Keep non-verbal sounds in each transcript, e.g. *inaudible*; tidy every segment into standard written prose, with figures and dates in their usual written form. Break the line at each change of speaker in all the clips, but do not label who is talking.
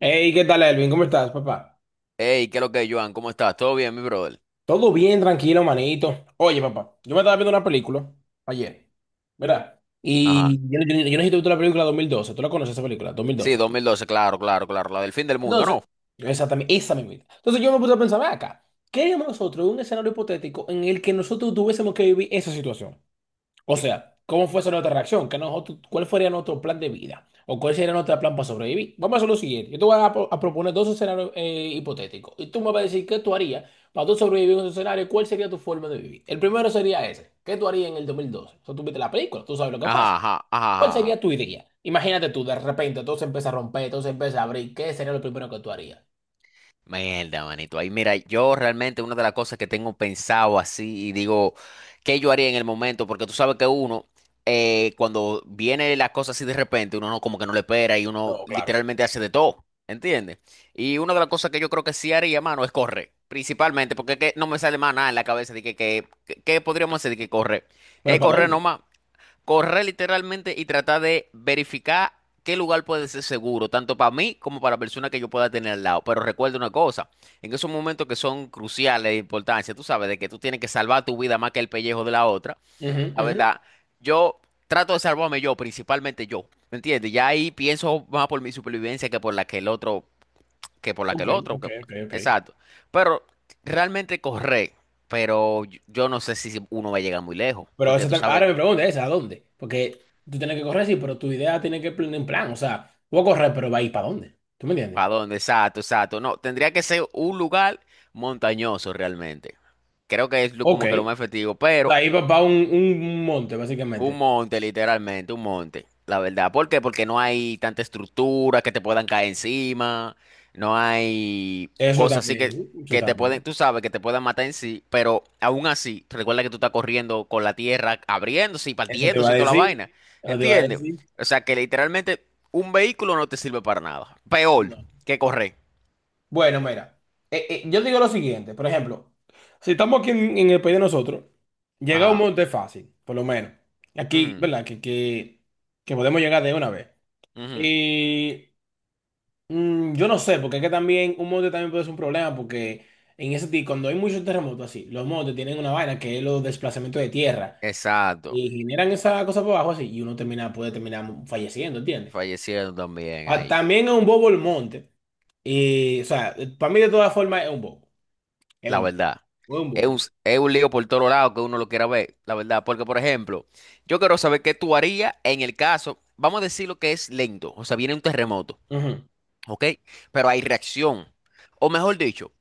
Hey, ¿qué tal, Elvin? ¿Cómo estás, papá?
Hey, ¿qué es lo que es, Joan? ¿Cómo estás? ¿Todo bien, mi brother?
Todo bien, tranquilo, manito. Oye, papá, yo me estaba viendo una película ayer, ¿verdad?
Ajá.
Y yo necesito ver la película 2012. ¿Tú la conoces esa película? dos mil
Sí,
doce.
2012, claro, claro, claro. La del fin del mundo,
Entonces,
¿no?
exactamente, esa misma. Entonces yo me puse a pensar, "Ven acá, ¿qué haríamos nosotros en un escenario hipotético en el que nosotros tuviésemos que vivir esa situación? O sea, ¿cómo fuese nuestra reacción? ¿Qué nosotros, cuál sería nuestro plan de vida? ¿O cuál sería nuestro plan para sobrevivir? Vamos a hacer lo siguiente. Yo te voy a proponer dos escenarios hipotéticos. Y tú me vas a decir qué tú harías para tú sobrevivir en esos escenarios. ¿Cuál sería tu forma de vivir? El primero sería ese. ¿Qué tú harías en el 2012? O sea, tú viste la película, tú sabes lo que pasa.
Ajá, ajá,
¿Cuál
ajá, ajá.
sería tu idea? Imagínate tú, de repente todo se empieza a romper, todo se empieza a abrir. ¿Qué sería lo primero que tú harías?
Mierda, manito. Ahí, mira, yo realmente una de las cosas que tengo pensado así y digo, ¿qué yo haría en el momento? Porque tú sabes que uno, cuando viene las cosas así de repente, uno no, como que no le espera y uno
No, claro.
literalmente hace de todo, ¿entiendes? Y una de las cosas que yo creo que sí haría, mano, es correr. Principalmente, porque es que no me sale más nada en la cabeza de que, ¿qué podríamos hacer de que correr?
¿Pero
Es
para
correr
dónde?
nomás. Correr literalmente y tratar de verificar qué lugar puede ser seguro, tanto para mí como para la persona que yo pueda tener al lado. Pero recuerda una cosa, en esos momentos que son cruciales de importancia, tú sabes, de que tú tienes que salvar tu vida más que el pellejo de la otra,
Ujú,
la
ujú.
verdad, yo trato de salvarme yo, principalmente yo, ¿me entiendes? Ya ahí pienso más por mi supervivencia que por la que el otro, que por la que
Ok,
el otro,
ok,
que-
ok, ok.
exacto. Pero realmente correr, pero yo no sé si uno va a llegar muy lejos,
Pero
porque
esa
tú sabes.
ahora me pregunta esa, ¿a dónde? Porque tú tienes que correr, sí, pero tu idea tiene que plan en plan. O sea, voy a correr, pero va a ir para dónde. ¿Tú me entiendes?
¿Para dónde? Exacto, exacto. No, tendría que ser un lugar montañoso realmente. Creo que es
Ok.
como que lo más efectivo,
O sea,
pero
ahí va para un monte,
un
básicamente.
monte, literalmente, un monte. La verdad. ¿Por qué? Porque no hay tanta estructura que te puedan caer encima. No hay
Eso
cosas así que,
también, eso
te
también.
pueden, tú sabes, que te puedan matar en sí. Pero aún así, recuerda que tú estás corriendo con la tierra abriéndose y
Eso te va a
partiéndose y toda la
decir.
vaina.
Eso te va a
¿Entiendes?
decir.
O sea que literalmente un vehículo no te sirve para nada. Peor
No.
que correr.
Bueno, mira. Yo digo lo siguiente, por ejemplo, si estamos aquí en el país de nosotros, llega a un
Ajá.
monte fácil, por lo menos. Aquí,
Ujú,
¿verdad? Que podemos llegar de una vez.
ujú.
Y. Mm, yo no sé, porque es que también un mote también puede ser un problema, porque en ese tipo, cuando hay muchos terremotos así, los motes tienen una vaina que es los desplazamientos de tierra
Exacto.
y generan esa cosa por abajo así y uno termina, puede terminar falleciendo, ¿entiendes?
Fallecieron también
Ah,
ahí.
también es un bobo el monte. Y, o sea, para mí de todas formas es un bobo. Es
La
un, es
verdad.
un
Es
bobo.
un, es un lío por todo lado que uno lo quiera ver, la verdad. Porque, por ejemplo, yo quiero saber qué tú harías en el caso, vamos a decir lo que es lento, o sea, viene un terremoto,
Ujú.
¿ok? Pero hay reacción. O mejor dicho,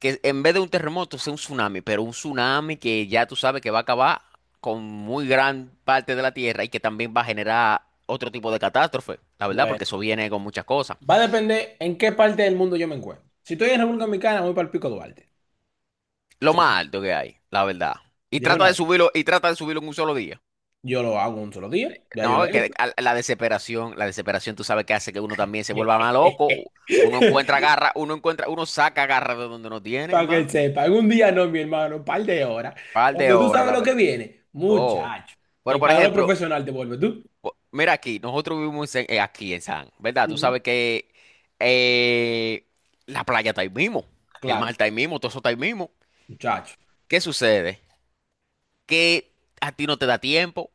que en vez de un terremoto sea un tsunami, pero un tsunami que ya tú sabes que va a acabar con muy gran parte de la tierra y que también va a generar otro tipo de catástrofe, la verdad, porque
Bueno,
eso viene con muchas cosas.
va a depender en qué parte del mundo yo me encuentro. Si estoy en República Dominicana, voy para el Pico Duarte.
Lo
Yo-
más alto que hay, la verdad. Y
De
trata
una
de
vez.
subirlo, y trata de subirlo en un solo día.
Yo lo hago un solo día, ya yo lo
No,
he
que
hecho.
la desesperación, tú sabes que hace que uno también se vuelva más loco. Uno encuentra
*laughs*
garra, uno encuentra, uno saca garra de donde no tiene,
Para que
hermano.
sepa, un día no, mi hermano, un par de horas.
Par de
Cuando tú
horas,
sabes
la
lo que
verdad.
viene,
Oh.
muchacho,
Pero
el
por
calor
ejemplo,
profesional te vuelve tú.
mira aquí, nosotros vivimos aquí en San, ¿verdad? Tú
Ujú.
sabes que eh, la playa está ahí mismo, el mar
Claro,
está ahí mismo, todo eso está ahí mismo.
muchacho.
¿Qué sucede? Que a ti no te da tiempo.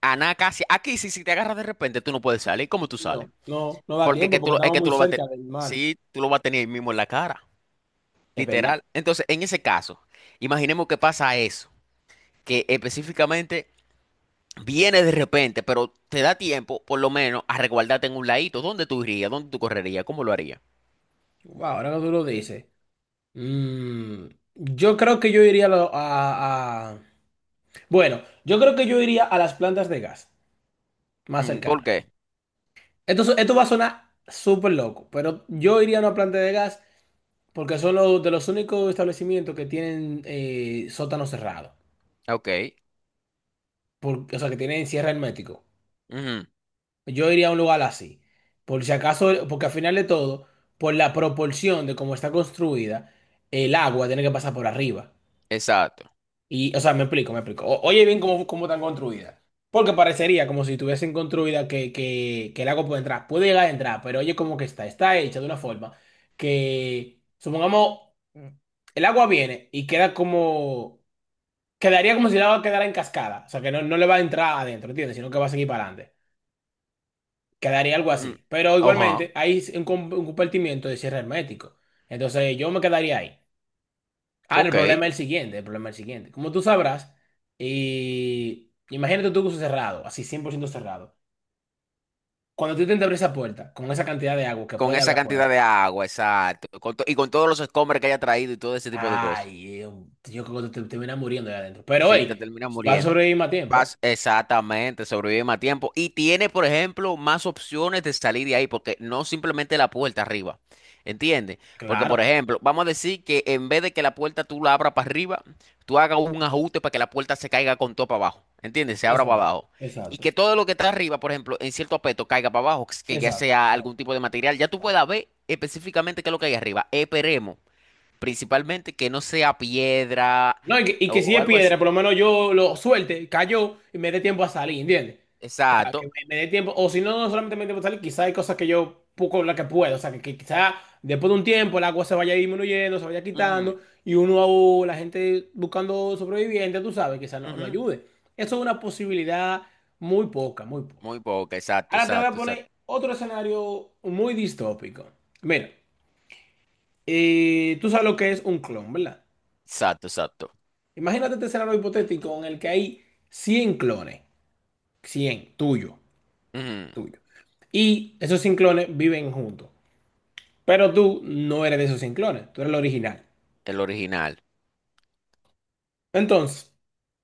A nada casi. Aquí sí, si te agarras de repente, tú no puedes salir. ¿Cómo tú sales?
No, no, no da
Porque que
tiempo
tú,
porque
es
estamos
que
muy
tú lo vas a tener.
cerca del mar.
Sí, tú lo vas a tener ahí mismo en la cara.
Es verdad.
Literal. Entonces, en ese caso, imaginemos que pasa eso. Que específicamente viene de repente, pero te da tiempo, por lo menos, a resguardarte en un ladito. ¿Dónde tú irías? ¿Dónde tú correrías? ¿Cómo lo harías?
Wow, ahora que tú lo dices. Mm, yo creo que yo iría a. Bueno, yo creo que yo iría a las plantas de gas más
¿Por
cercanas.
qué?
Esto va a sonar súper loco, pero yo iría a una planta de gas. Porque son los únicos establecimientos que tienen sótano cerrado.
Ok.
O sea, que tienen cierre hermético.
Ujú.
Yo iría a un lugar así. Por si acaso, porque al final de todo, por la proporción de cómo está construida, el agua tiene que pasar por arriba.
Exacto.
Y, o sea, me explico. Oye bien cómo están construidas. Porque parecería como si tuviesen construida que el agua puede entrar. Puede llegar a entrar, pero oye cómo que está. Está hecha de una forma que, supongamos, el agua viene y queda. Como Quedaría como si el agua quedara en cascada. O sea, que no, no le va a entrar adentro, ¿entiendes? Sino que va a seguir para adelante. Quedaría algo
Mm.
así. Pero
Ajá.
igualmente, hay un compartimiento de cierre hermético. Entonces, yo me quedaría ahí. El
Ok.
problema es el siguiente. El problema es el siguiente. Como tú sabrás, y imagínate tú que uso cerrado, así 100% cerrado. Cuando tú intentas abrir esa puerta con esa cantidad de agua que
Con
puede haber
esa cantidad
afuera,
de agua, exacto. Con y con todos los escombros que haya traído y todo ese tipo de cosas.
ay, eh, yo creo que te terminas muriendo ahí adentro. Pero
Sí, te
hoy,
terminas
vas a
muriendo.
sobrevivir más tiempo, ¿eh?
Vas exactamente, sobrevive más tiempo y tiene, por ejemplo, más opciones de salir de ahí, porque no simplemente la puerta arriba, ¿entiendes? Porque, por
Claro.
ejemplo, vamos a decir que en vez de que la puerta tú la abras para arriba, tú hagas un ajuste para que la puerta se caiga con todo para abajo, ¿entiendes? Se abra para
Exacto.
abajo. Y
Exacto.
que todo lo que está arriba, por ejemplo, en cierto aspecto caiga para abajo, que ya
Exacto.
sea
Exacto,
algún tipo de material, ya tú
exacto.
puedas ver específicamente qué es lo que hay arriba. Esperemos, principalmente, que no sea piedra
No, y que si
o
es
algo
piedra,
así.
por lo menos yo lo suelte, cayó y me dé tiempo a salir, ¿entiendes? O sea, que
Exacto.
me dé tiempo, o si no, no solamente me dé tiempo a salir, quizá hay cosas que yo poco la que puedo, o sea, que quizá después de un tiempo el agua se vaya disminuyendo, se vaya
Ujú.
quitando, y uno, o la gente buscando sobrevivientes, tú sabes, quizás no
Ujú.
ayude. Eso es una posibilidad muy poca, muy poca.
Muy poca, exacto,
Ahora te voy a
exacto, exacto,
poner otro escenario muy distópico. Mira, tú sabes lo que es un clon, ¿verdad?
exacto, exacto.
Imagínate este escenario hipotético en el que hay 100 clones, 100 tuyo,
Ujú.
tuyo. Y esos 100 clones viven juntos, pero tú no eres de esos 100 clones, tú eres el original.
El original.
Entonces,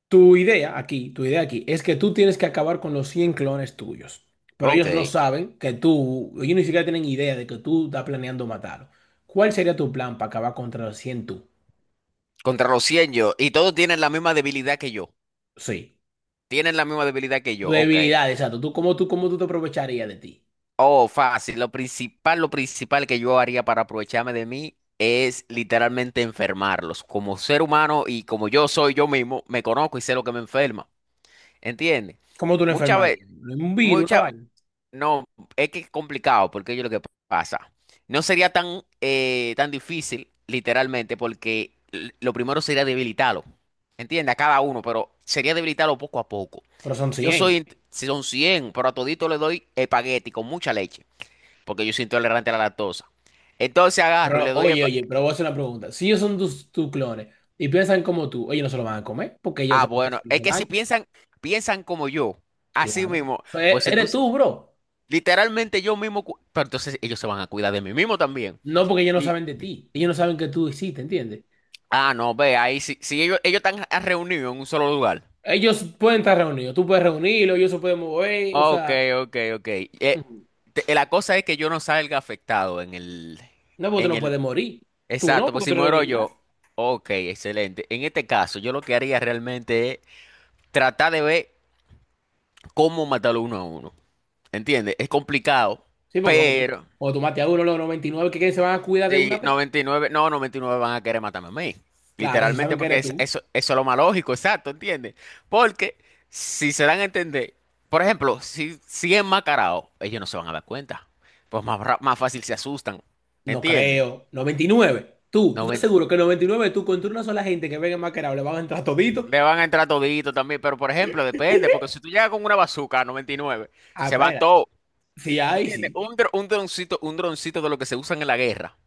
tu idea aquí es que tú tienes que acabar con los 100 clones tuyos, pero ellos no
Ok.
saben que tú, ellos ni siquiera tienen idea de que tú estás planeando matarlo. ¿Cuál sería tu plan para acabar contra los 100 tú?
Contra los 100 yo. Y todos tienen la misma debilidad que yo.
Sí,
Tienen la misma debilidad que
tu
yo. Ok.
debilidad, exacto. ¿Cómo tú te aprovecharías de ti?
Oh, fácil. Lo principal que yo haría para aprovecharme de mí es literalmente enfermarlos. Como ser humano y como yo soy yo mismo, me conozco y sé lo que me enferma. ¿Entiendes?
¿Cómo tú no
Muchas veces.
enfermarías? ¿Un virus, una
Mucha,
vaina?
no, es que es complicado, porque yo lo que pasa. No sería tan, tan difícil, literalmente, porque lo primero sería debilitarlo. Entiende, a cada uno, pero sería debilitarlo poco a poco.
Pero son
Yo
100,
soy, si son 100 pero a todito le doy espagueti con mucha leche, porque yo soy intolerante a la lactosa. Entonces agarro y
pero,
le doy
oye, oye, pero voy a hacer una pregunta. Si ellos son tus clones y piensan como tú, ellos no se lo van a comer porque ellos
Ah,
saben que
bueno,
se
es que si
daño.
piensan, como yo, así
Claro.
mismo,
O sea,
pues
eres
entonces,
tú, bro.
literalmente yo mismo, pero entonces ellos se van a cuidar de mí mismo también.
No porque ellos no saben de ti. Ellos no saben que tú existes, ¿entiendes?
Ah, no, ve, ahí sí, sí ellos están reunidos en un solo lugar.
Ellos pueden estar reunidos. Tú puedes reunirlos, ellos se pueden mover. O
Ok,
sea,
ok, ok.
ujú.
La cosa es que yo no salga afectado en
No porque tú
en
no
el,
puedes morir. Tú no,
exacto, pues
porque tú
si
eres el
muero
original.
yo, ok, excelente. En este caso, yo lo que haría realmente es tratar de ver cómo matarlo uno a uno. ¿Entiendes? Es complicado,
Sí, porque cuando tú,
pero
cuando tú mates a uno, los 99 que se van a cuidar de una
sí,
vez.
99 no, 99 van a querer matarme a mí.
Claro, si
Literalmente,
saben que
porque
eres
es,
tú.
eso, eso es lo más lógico, exacto, ¿entiendes? Porque si se dan a entender, por ejemplo, si es enmascarado, ellos no se van a dar cuenta. Pues más, más fácil se asustan,
No
¿entiendes?
creo. 99. ¿Tú estás
90
seguro que 99, tú contra una sola gente que venga maquerado le van a entrar todito?
le van a entrar todito también, pero por ejemplo, depende, porque
*laughs*
si tú llegas con una bazooka a 99
Ah,
se van
espera.
todos,
Sí, ahí
¿entiendes?
sí.
Un droncito de lo que se usan en la guerra,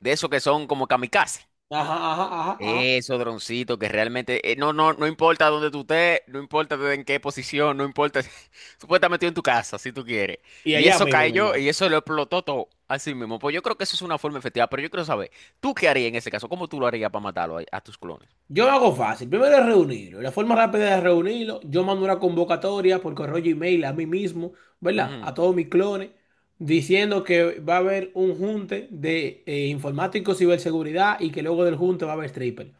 de esos que son como kamikaze.
Ajá, ajá, ajá, ajá.
Eso, droncito, que realmente no, no, no importa dónde tú estés, no importa en qué posición, no importa. *laughs* Tú puedes estar metido en tu casa si tú quieres.
Y
Y
allá
eso
mismo, mi
cayó
hermano.
y eso lo explotó todo. Así mismo. Pues yo creo que eso es una forma efectiva, pero yo quiero saber, ¿tú qué harías en ese caso? ¿Cómo tú lo harías para matarlo a tus clones?
Yo lo hago fácil. Primero es reunirlo. La forma rápida de reunirlo, yo mando una convocatoria por correo y email a mí mismo, ¿verdad?
Ujú,
A todos mis clones, diciendo que va a haber un junte de informáticos, ciberseguridad y que luego del junte va a haber stripper.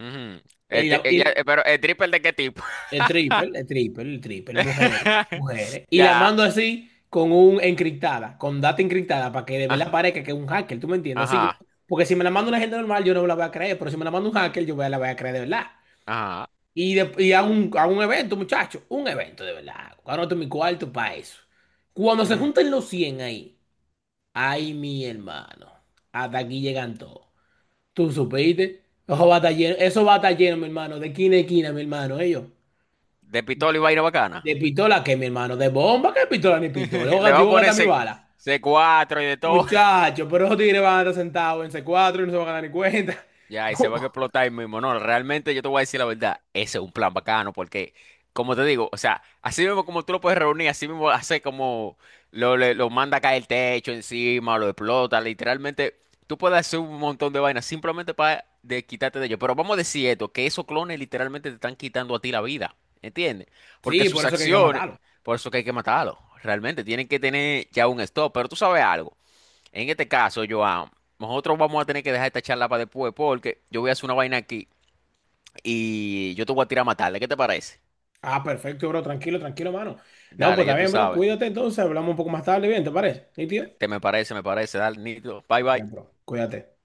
ujú.
Y,
Este,
la-
ya,
y-
¿pero el triple de qué tipo?
El triple, el triple, el triple, mujeres,
*laughs*
mujeres. Y la
Ya.
mando así con un encriptada, con data encriptada, para que de verdad
Ah,
parezca que es un hacker, ¿tú me entiendes? Así yo,
ajá.
porque si me la manda una gente normal, yo no la voy a creer, pero si me la manda un hacker, yo la voy a creer de verdad.
Ajá.
Y, a un evento, muchachos, un evento de verdad. Cuando mi cuarto para eso. Cuando se
Ujú.
juntan los 100 ahí, ay, mi hermano, hasta aquí llegan todos. ¿Tú supiste? Eso va a estar lleno, eso va a estar lleno, mi hermano, de esquina a esquina, mi hermano, ellos.
De pistola y vaina bacana.
¿De pistola qué, mi hermano? ¿De bomba qué pistola ni pistola?
*laughs* Le va
Yo
a
voy a
poner
gastar mi
C-
bala.
cuatro y de todo.
Muchachos, pero esos tigres van a estar sentados en C4 y no se van a dar ni cuenta.
Ya, y se van a
*laughs*
explotar ahí mismo. No, realmente yo te voy a decir la verdad. Ese es un plan bacano porque, como te digo, o sea, así mismo como tú lo puedes reunir, así mismo hace como lo manda a caer el techo encima, lo explota. Literalmente, tú puedes hacer un montón de vainas simplemente para quitarte de ellos. Pero vamos a decir esto, que esos clones literalmente te están quitando a ti la vida. ¿Entiendes? Porque
Sí, por
sus
eso que hay que
acciones,
matarlo.
por eso que hay que matarlos. Realmente, tienen que tener ya un stop. Pero tú sabes algo. En este caso, Joan, nosotros vamos a tener que dejar esta charla para después porque yo voy a hacer una vaina aquí y yo te voy a tirar a matarle. ¿Qué te parece?
Ah, perfecto, bro. Tranquilo, tranquilo, mano. No,
Dale,
pues
ya
está
tú
bien, bro.
sabes.
Cuídate entonces. Hablamos un poco más tarde. Bien, ¿te parece? ¿Sí, tío?
Te me parece, me parece. Dale, Nito. Bye,
Bien,
bye.
bro. Cuídate.